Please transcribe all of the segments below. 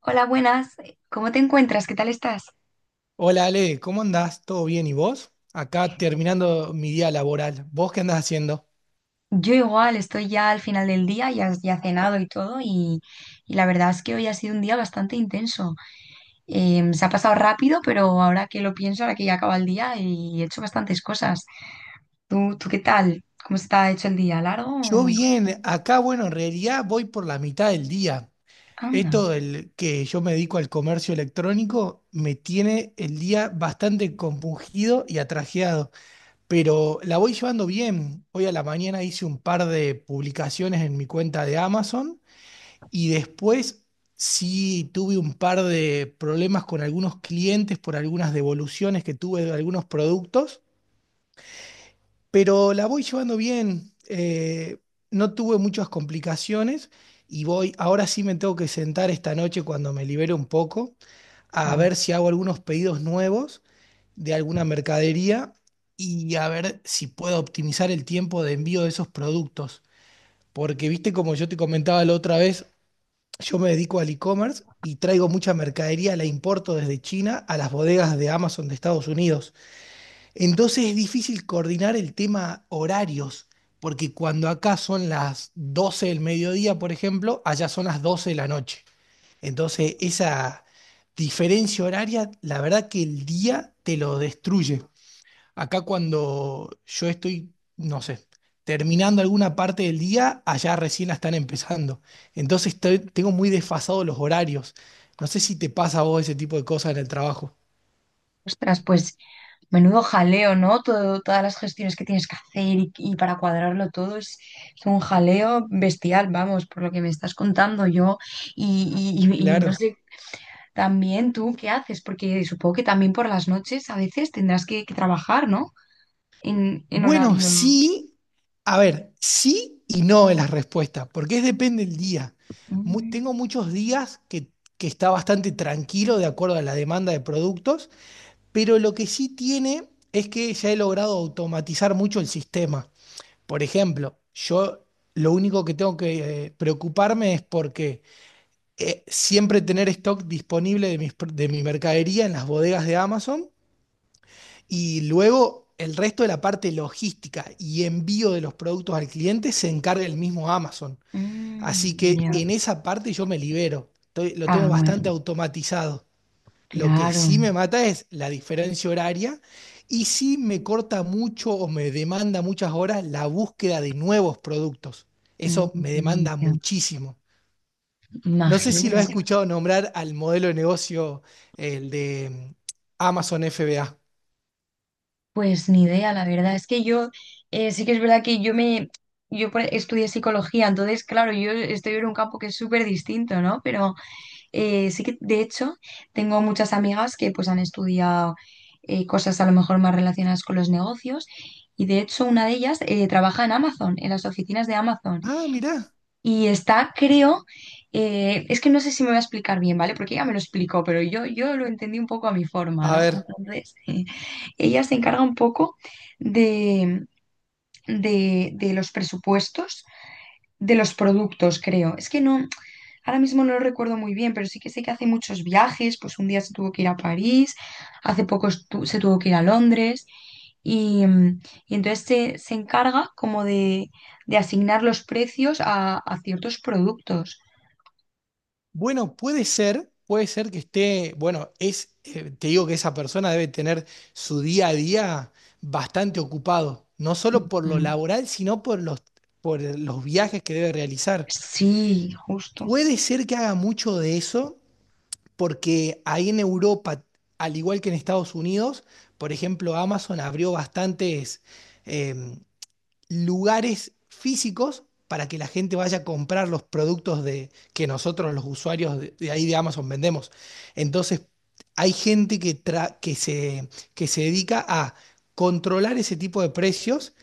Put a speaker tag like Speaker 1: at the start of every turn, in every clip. Speaker 1: Hola, buenas. ¿Cómo te encuentras? ¿Qué tal estás?
Speaker 2: Hola Ale, ¿cómo andás? ¿Todo bien? ¿Y vos? Acá terminando mi día laboral. ¿Vos qué andás haciendo?
Speaker 1: Yo igual, estoy ya al final del día, ya cenado y todo, y la verdad es que hoy ha sido un día bastante intenso. Se ha pasado rápido, pero ahora que lo pienso, ahora que ya acaba el día, y he hecho bastantes cosas. ¿Tú qué tal? ¿Cómo está hecho el día? ¿Largo?
Speaker 2: Yo bien, acá bueno, en realidad voy por la mitad del día.
Speaker 1: Anda.
Speaker 2: Esto del que yo me dedico al comercio electrónico me tiene el día bastante compungido y atrajeado, pero la voy llevando bien. Hoy a la mañana hice un par de publicaciones en mi cuenta de Amazon. Y después sí tuve un par de problemas con algunos clientes por algunas devoluciones que tuve de algunos productos, pero la voy llevando bien. No tuve muchas complicaciones y voy, ahora sí me tengo que sentar esta noche cuando me libere un poco a
Speaker 1: Wow.
Speaker 2: ver si hago algunos pedidos nuevos de alguna mercadería y a ver si puedo optimizar el tiempo de envío de esos productos. Porque viste, como yo te comentaba la otra vez, yo me dedico al e-commerce y traigo mucha mercadería, la importo desde China a las bodegas de Amazon de Estados Unidos. Entonces es difícil coordinar el tema horarios, porque cuando acá son las 12 del mediodía, por ejemplo, allá son las 12 de la noche. Entonces esa diferencia horaria, la verdad que el día te lo destruye. Acá cuando yo estoy, no sé, terminando alguna parte del día, allá recién la están empezando. Entonces tengo muy desfasados los horarios. No sé si te pasa a vos ese tipo de cosas en el trabajo.
Speaker 1: Ostras, pues menudo jaleo, ¿no? Todas las gestiones que tienes que hacer y para cuadrarlo todo es un jaleo bestial, vamos, por lo que me estás contando yo. Y no
Speaker 2: Claro.
Speaker 1: sé, también tú qué haces, porque supongo que también por las noches a veces tendrás que trabajar, ¿no? En
Speaker 2: Bueno,
Speaker 1: horario.
Speaker 2: sí. A ver, sí y no es la respuesta, porque es depende del día.
Speaker 1: Mm,
Speaker 2: Tengo muchos días que está bastante tranquilo de acuerdo a la demanda de productos, pero lo que sí tiene es que ya he logrado automatizar mucho el sistema. Por ejemplo, yo lo único que tengo que preocuparme es porque siempre tener stock disponible mis de mi mercadería en las bodegas de Amazon y luego el resto de la parte logística y envío de los productos al cliente se encarga el mismo Amazon. Así
Speaker 1: mm,
Speaker 2: que
Speaker 1: ya.
Speaker 2: en esa parte yo me libero. Lo tengo
Speaker 1: Ah,
Speaker 2: bastante
Speaker 1: bueno,
Speaker 2: automatizado. Lo que
Speaker 1: claro.
Speaker 2: sí me mata es la diferencia horaria y sí me corta mucho o me demanda muchas horas la búsqueda de nuevos productos. Eso me
Speaker 1: Mm,
Speaker 2: demanda
Speaker 1: ya.
Speaker 2: muchísimo. No sé si lo
Speaker 1: Imagino.
Speaker 2: has escuchado nombrar al modelo de negocio, el de Amazon FBA.
Speaker 1: Pues ni idea, la verdad. Es que yo, sí que es verdad que yo me, yo por- estudié psicología, entonces, claro, yo estoy en un campo que es súper distinto, ¿no? Pero sí que, de hecho, tengo muchas amigas que pues han estudiado cosas a lo mejor más relacionadas con los negocios y de hecho una de ellas trabaja en Amazon, en las oficinas de Amazon
Speaker 2: Ah, mirá.
Speaker 1: y está, creo, es que no sé si me voy a explicar bien, ¿vale? Porque ella me lo explicó, pero yo lo entendí un poco a mi forma,
Speaker 2: A
Speaker 1: ¿no?
Speaker 2: ver.
Speaker 1: Entonces ella se encarga un poco de, de los presupuestos de los productos, creo. Es que no, ahora mismo no lo recuerdo muy bien, pero sí que sé que hace muchos viajes, pues un día se tuvo que ir a París, hace poco se tuvo que ir a Londres. Y, mm, y entonces se encarga como de asignar los precios a ciertos productos.
Speaker 2: Bueno, puede ser que esté, bueno, te digo que esa persona debe tener su día a día bastante ocupado, no solo por lo
Speaker 1: Mm.
Speaker 2: laboral, sino por por los viajes que debe realizar.
Speaker 1: Sí, justo.
Speaker 2: Puede ser que haga mucho de eso, porque ahí en Europa, al igual que en Estados Unidos, por ejemplo, Amazon abrió bastantes, em, lugares físicos para que la gente vaya a comprar los productos que nosotros los usuarios de ahí de Amazon vendemos. Entonces, hay gente que que se dedica a controlar ese tipo de precios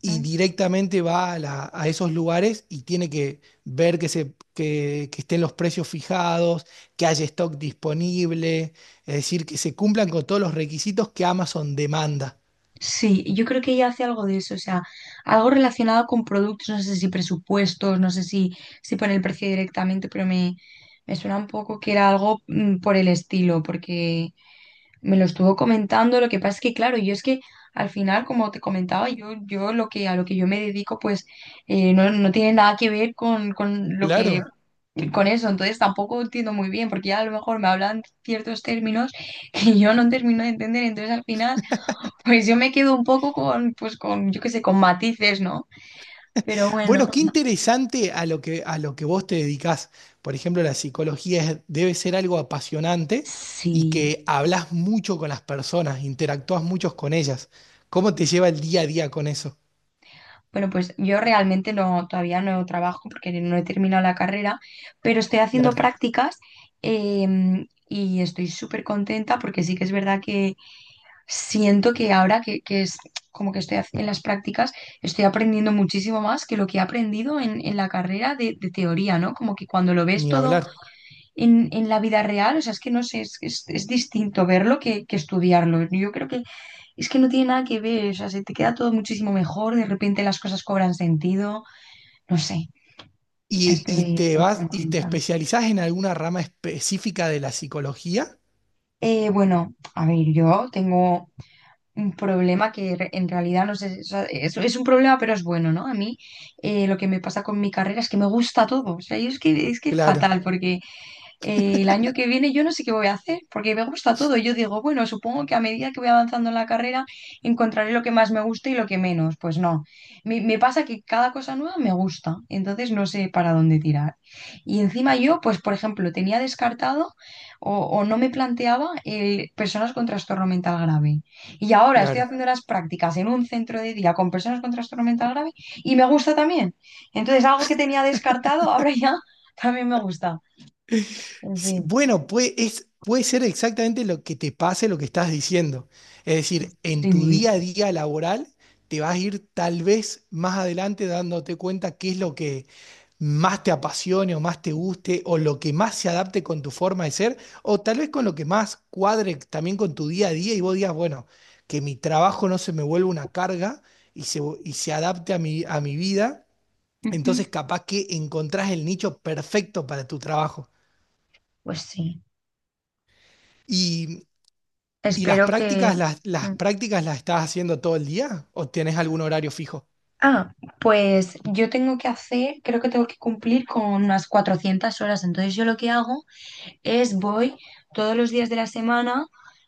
Speaker 2: y
Speaker 1: Mm.
Speaker 2: directamente va a esos lugares y tiene que ver que estén los precios fijados, que haya stock disponible, es decir, que se cumplan con todos los requisitos que Amazon demanda.
Speaker 1: Sí, yo creo que ella hace algo de eso, o sea, algo relacionado con productos, no sé si presupuestos, no sé si pone el precio directamente, pero me suena un poco que era algo por el estilo, porque me lo estuvo comentando, lo que pasa es que, claro, yo es que al final, como te comentaba, yo lo que, a lo que yo me dedico, pues no tiene nada que ver con lo que
Speaker 2: Claro.
Speaker 1: con eso, entonces tampoco entiendo muy bien, porque ya a lo mejor me hablan ciertos términos que yo no termino de entender, entonces al final, pues yo me quedo un poco pues con, yo qué sé, con matices, ¿no? Pero bueno,
Speaker 2: Bueno, qué interesante a lo que vos te dedicás. Por ejemplo, la psicología debe ser algo apasionante y
Speaker 1: sí.
Speaker 2: que hablas mucho con las personas, interactúas mucho con ellas. ¿Cómo te lleva el día a día con eso?
Speaker 1: Bueno, pues yo realmente no, todavía no trabajo porque no he terminado la carrera, pero estoy haciendo
Speaker 2: Claro,
Speaker 1: prácticas y estoy súper contenta porque sí que es verdad que siento que ahora que es como que en las prácticas, estoy aprendiendo muchísimo más que lo que he aprendido en la carrera de teoría, ¿no? Como que cuando lo ves
Speaker 2: ni
Speaker 1: todo
Speaker 2: hablar.
Speaker 1: en la vida real, o sea, es que no sé, es distinto verlo que estudiarlo. Yo creo que es que no tiene nada que ver, o sea, se te queda todo muchísimo mejor, de repente las cosas cobran sentido, no sé,
Speaker 2: Y
Speaker 1: estoy,
Speaker 2: te
Speaker 1: estoy
Speaker 2: vas
Speaker 1: muy
Speaker 2: y te
Speaker 1: contenta.
Speaker 2: especializás en alguna rama específica de la psicología?
Speaker 1: Bueno, a ver, yo tengo un problema en realidad no sé, o sea, es un problema, pero es bueno, ¿no? A mí lo que me pasa con mi carrera es que me gusta todo, o sea, yo es que es
Speaker 2: Claro,
Speaker 1: fatal porque el año que viene yo no sé qué voy a hacer, porque me gusta todo. Yo digo, bueno, supongo que a medida que voy avanzando en la carrera encontraré lo que más me gusta y lo que menos. Pues no, me pasa que cada cosa nueva me gusta, entonces no sé para dónde tirar. Y encima yo, pues por ejemplo, tenía descartado o no me planteaba personas con trastorno mental grave. Y ahora estoy
Speaker 2: claro.
Speaker 1: haciendo las prácticas en un centro de día con personas con trastorno mental grave y me gusta también. Entonces algo que tenía descartado ahora ya también me gusta. En
Speaker 2: Sí,
Speaker 1: fin.
Speaker 2: bueno, puede ser exactamente lo que te pase, lo que estás diciendo. Es decir,
Speaker 1: Sí,
Speaker 2: en tu día a día laboral te vas a ir tal vez más adelante dándote cuenta qué es lo que más te apasione o más te guste o lo que más se adapte con tu forma de ser o tal vez con lo que más cuadre también con tu día a día y vos digas, bueno, que mi trabajo no se me vuelva una carga y se adapte a a mi vida.
Speaker 1: ujú.
Speaker 2: Entonces capaz que encontrás el nicho perfecto para tu trabajo.
Speaker 1: Pues sí.
Speaker 2: ¿Y las
Speaker 1: Espero que...
Speaker 2: prácticas las
Speaker 1: Mm.
Speaker 2: prácticas las estás haciendo todo el día o tienes algún horario fijo?
Speaker 1: Ah, pues yo tengo que hacer, creo que tengo que cumplir con unas 400 horas. Entonces yo lo que hago es voy todos los días de la semana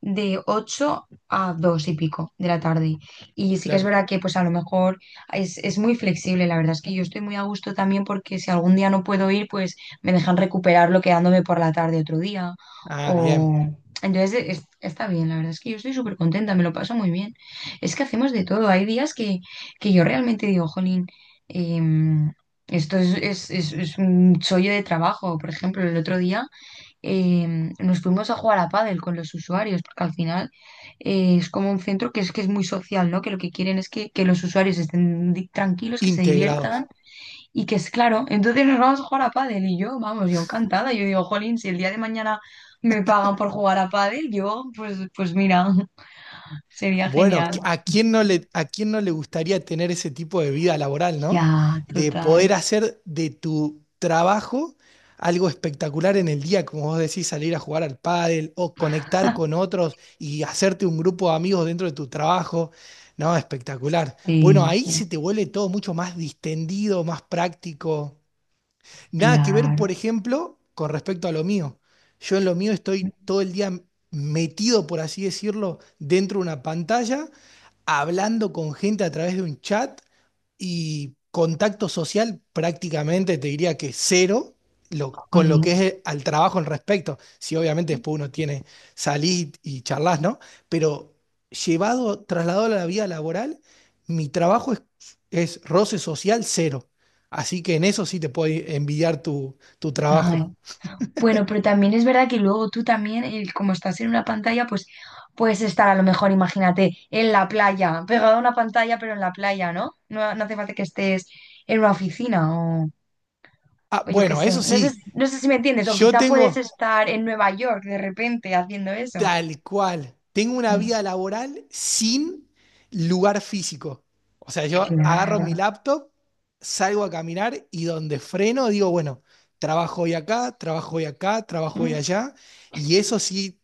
Speaker 1: de 8 a 2 y pico de la tarde. Y sí que es
Speaker 2: Claro.
Speaker 1: verdad que pues a lo mejor es muy flexible, la verdad es que yo estoy muy a gusto también porque si algún día no puedo ir, pues me dejan recuperarlo quedándome por la tarde otro día.
Speaker 2: Ah, bien.
Speaker 1: O... Entonces está bien, la verdad es que yo estoy súper contenta, me lo paso muy bien. Es que hacemos de todo, hay días que yo realmente digo, jolín, em, esto es un chollo de trabajo. Por ejemplo, el otro día eh, nos fuimos a jugar a pádel con los usuarios, porque al final es como un centro que es muy social, ¿no? Que lo que quieren es que los usuarios estén tranquilos, que se
Speaker 2: Integrados.
Speaker 1: diviertan y que es claro. Entonces nos vamos a jugar a pádel y yo, vamos, yo encantada. Yo digo, jolín, si el día de mañana me pagan por jugar a pádel, yo, pues mira, sería
Speaker 2: Bueno,
Speaker 1: genial.
Speaker 2: ¿a quién no a quién no le gustaría tener ese tipo de vida laboral, ¿no?
Speaker 1: Ya,
Speaker 2: De
Speaker 1: total.
Speaker 2: poder hacer de tu trabajo algo espectacular en el día, como vos decís, salir a jugar al pádel o conectar con otros y hacerte un grupo de amigos dentro de tu trabajo. No, espectacular. Bueno,
Speaker 1: Sí,
Speaker 2: ahí
Speaker 1: sí,
Speaker 2: se te vuelve todo mucho más distendido, más práctico. Nada que ver,
Speaker 1: claro.
Speaker 2: por ejemplo, con respecto a lo mío. Yo en lo mío estoy todo el día metido, por así decirlo, dentro de una pantalla, hablando con gente a través de un chat y contacto social prácticamente te diría que cero con lo
Speaker 1: Jolín.
Speaker 2: que es al trabajo en respecto. Si obviamente después uno tiene salir y charlas, ¿no? Pero llevado, trasladado a la vida laboral, mi trabajo es roce social cero. Así que en eso sí te puedo envidiar tu
Speaker 1: Ay,
Speaker 2: trabajo.
Speaker 1: bueno, pero también es verdad que luego tú también, como estás en una pantalla, pues puedes estar a lo mejor, imagínate, en la playa, pegado a una pantalla, pero en la playa, ¿no? No, no hace falta que estés en una oficina o,
Speaker 2: Ah,
Speaker 1: o yo qué
Speaker 2: bueno,
Speaker 1: sé.
Speaker 2: eso
Speaker 1: No sé,
Speaker 2: sí,
Speaker 1: no sé si me entiendes, o
Speaker 2: yo
Speaker 1: quizá puedes
Speaker 2: tengo
Speaker 1: estar en Nueva York de repente haciendo eso.
Speaker 2: tal cual, tengo una
Speaker 1: Mm,
Speaker 2: vida laboral sin lugar físico. O sea, yo agarro mi
Speaker 1: claro,
Speaker 2: laptop, salgo a caminar y donde freno digo, bueno, trabajo hoy acá, trabajo hoy acá, trabajo hoy
Speaker 1: mm,
Speaker 2: allá. Y eso sí,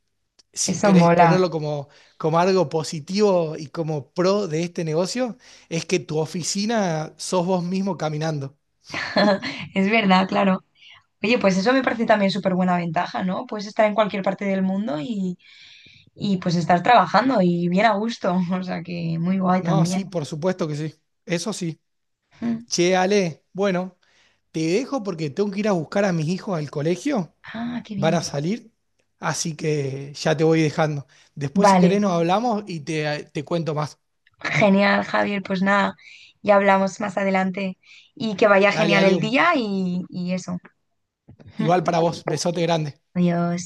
Speaker 2: si
Speaker 1: eso
Speaker 2: querés
Speaker 1: mola.
Speaker 2: ponerlo como, como algo positivo y como pro de este negocio, es que tu oficina sos vos mismo caminando.
Speaker 1: Es verdad, claro. Oye, pues eso me parece también súper buena ventaja, ¿no? Puedes estar en cualquier parte del mundo y pues estar trabajando y bien a gusto. O sea que muy guay
Speaker 2: No, sí,
Speaker 1: también.
Speaker 2: por supuesto que sí. Eso sí.
Speaker 1: Mm.
Speaker 2: Che, Ale, bueno, te dejo porque tengo que ir a buscar a mis hijos al colegio.
Speaker 1: Ah, qué
Speaker 2: Van a
Speaker 1: bien.
Speaker 2: salir, así que ya te voy dejando. Después, si
Speaker 1: Vale,
Speaker 2: querés, nos hablamos y te cuento más.
Speaker 1: genial, Javier. Pues nada, ya hablamos más adelante y que vaya
Speaker 2: Dale,
Speaker 1: genial
Speaker 2: dale,
Speaker 1: el
Speaker 2: un-
Speaker 1: día y eso.
Speaker 2: igual para vos. Besote grande.
Speaker 1: Adiós.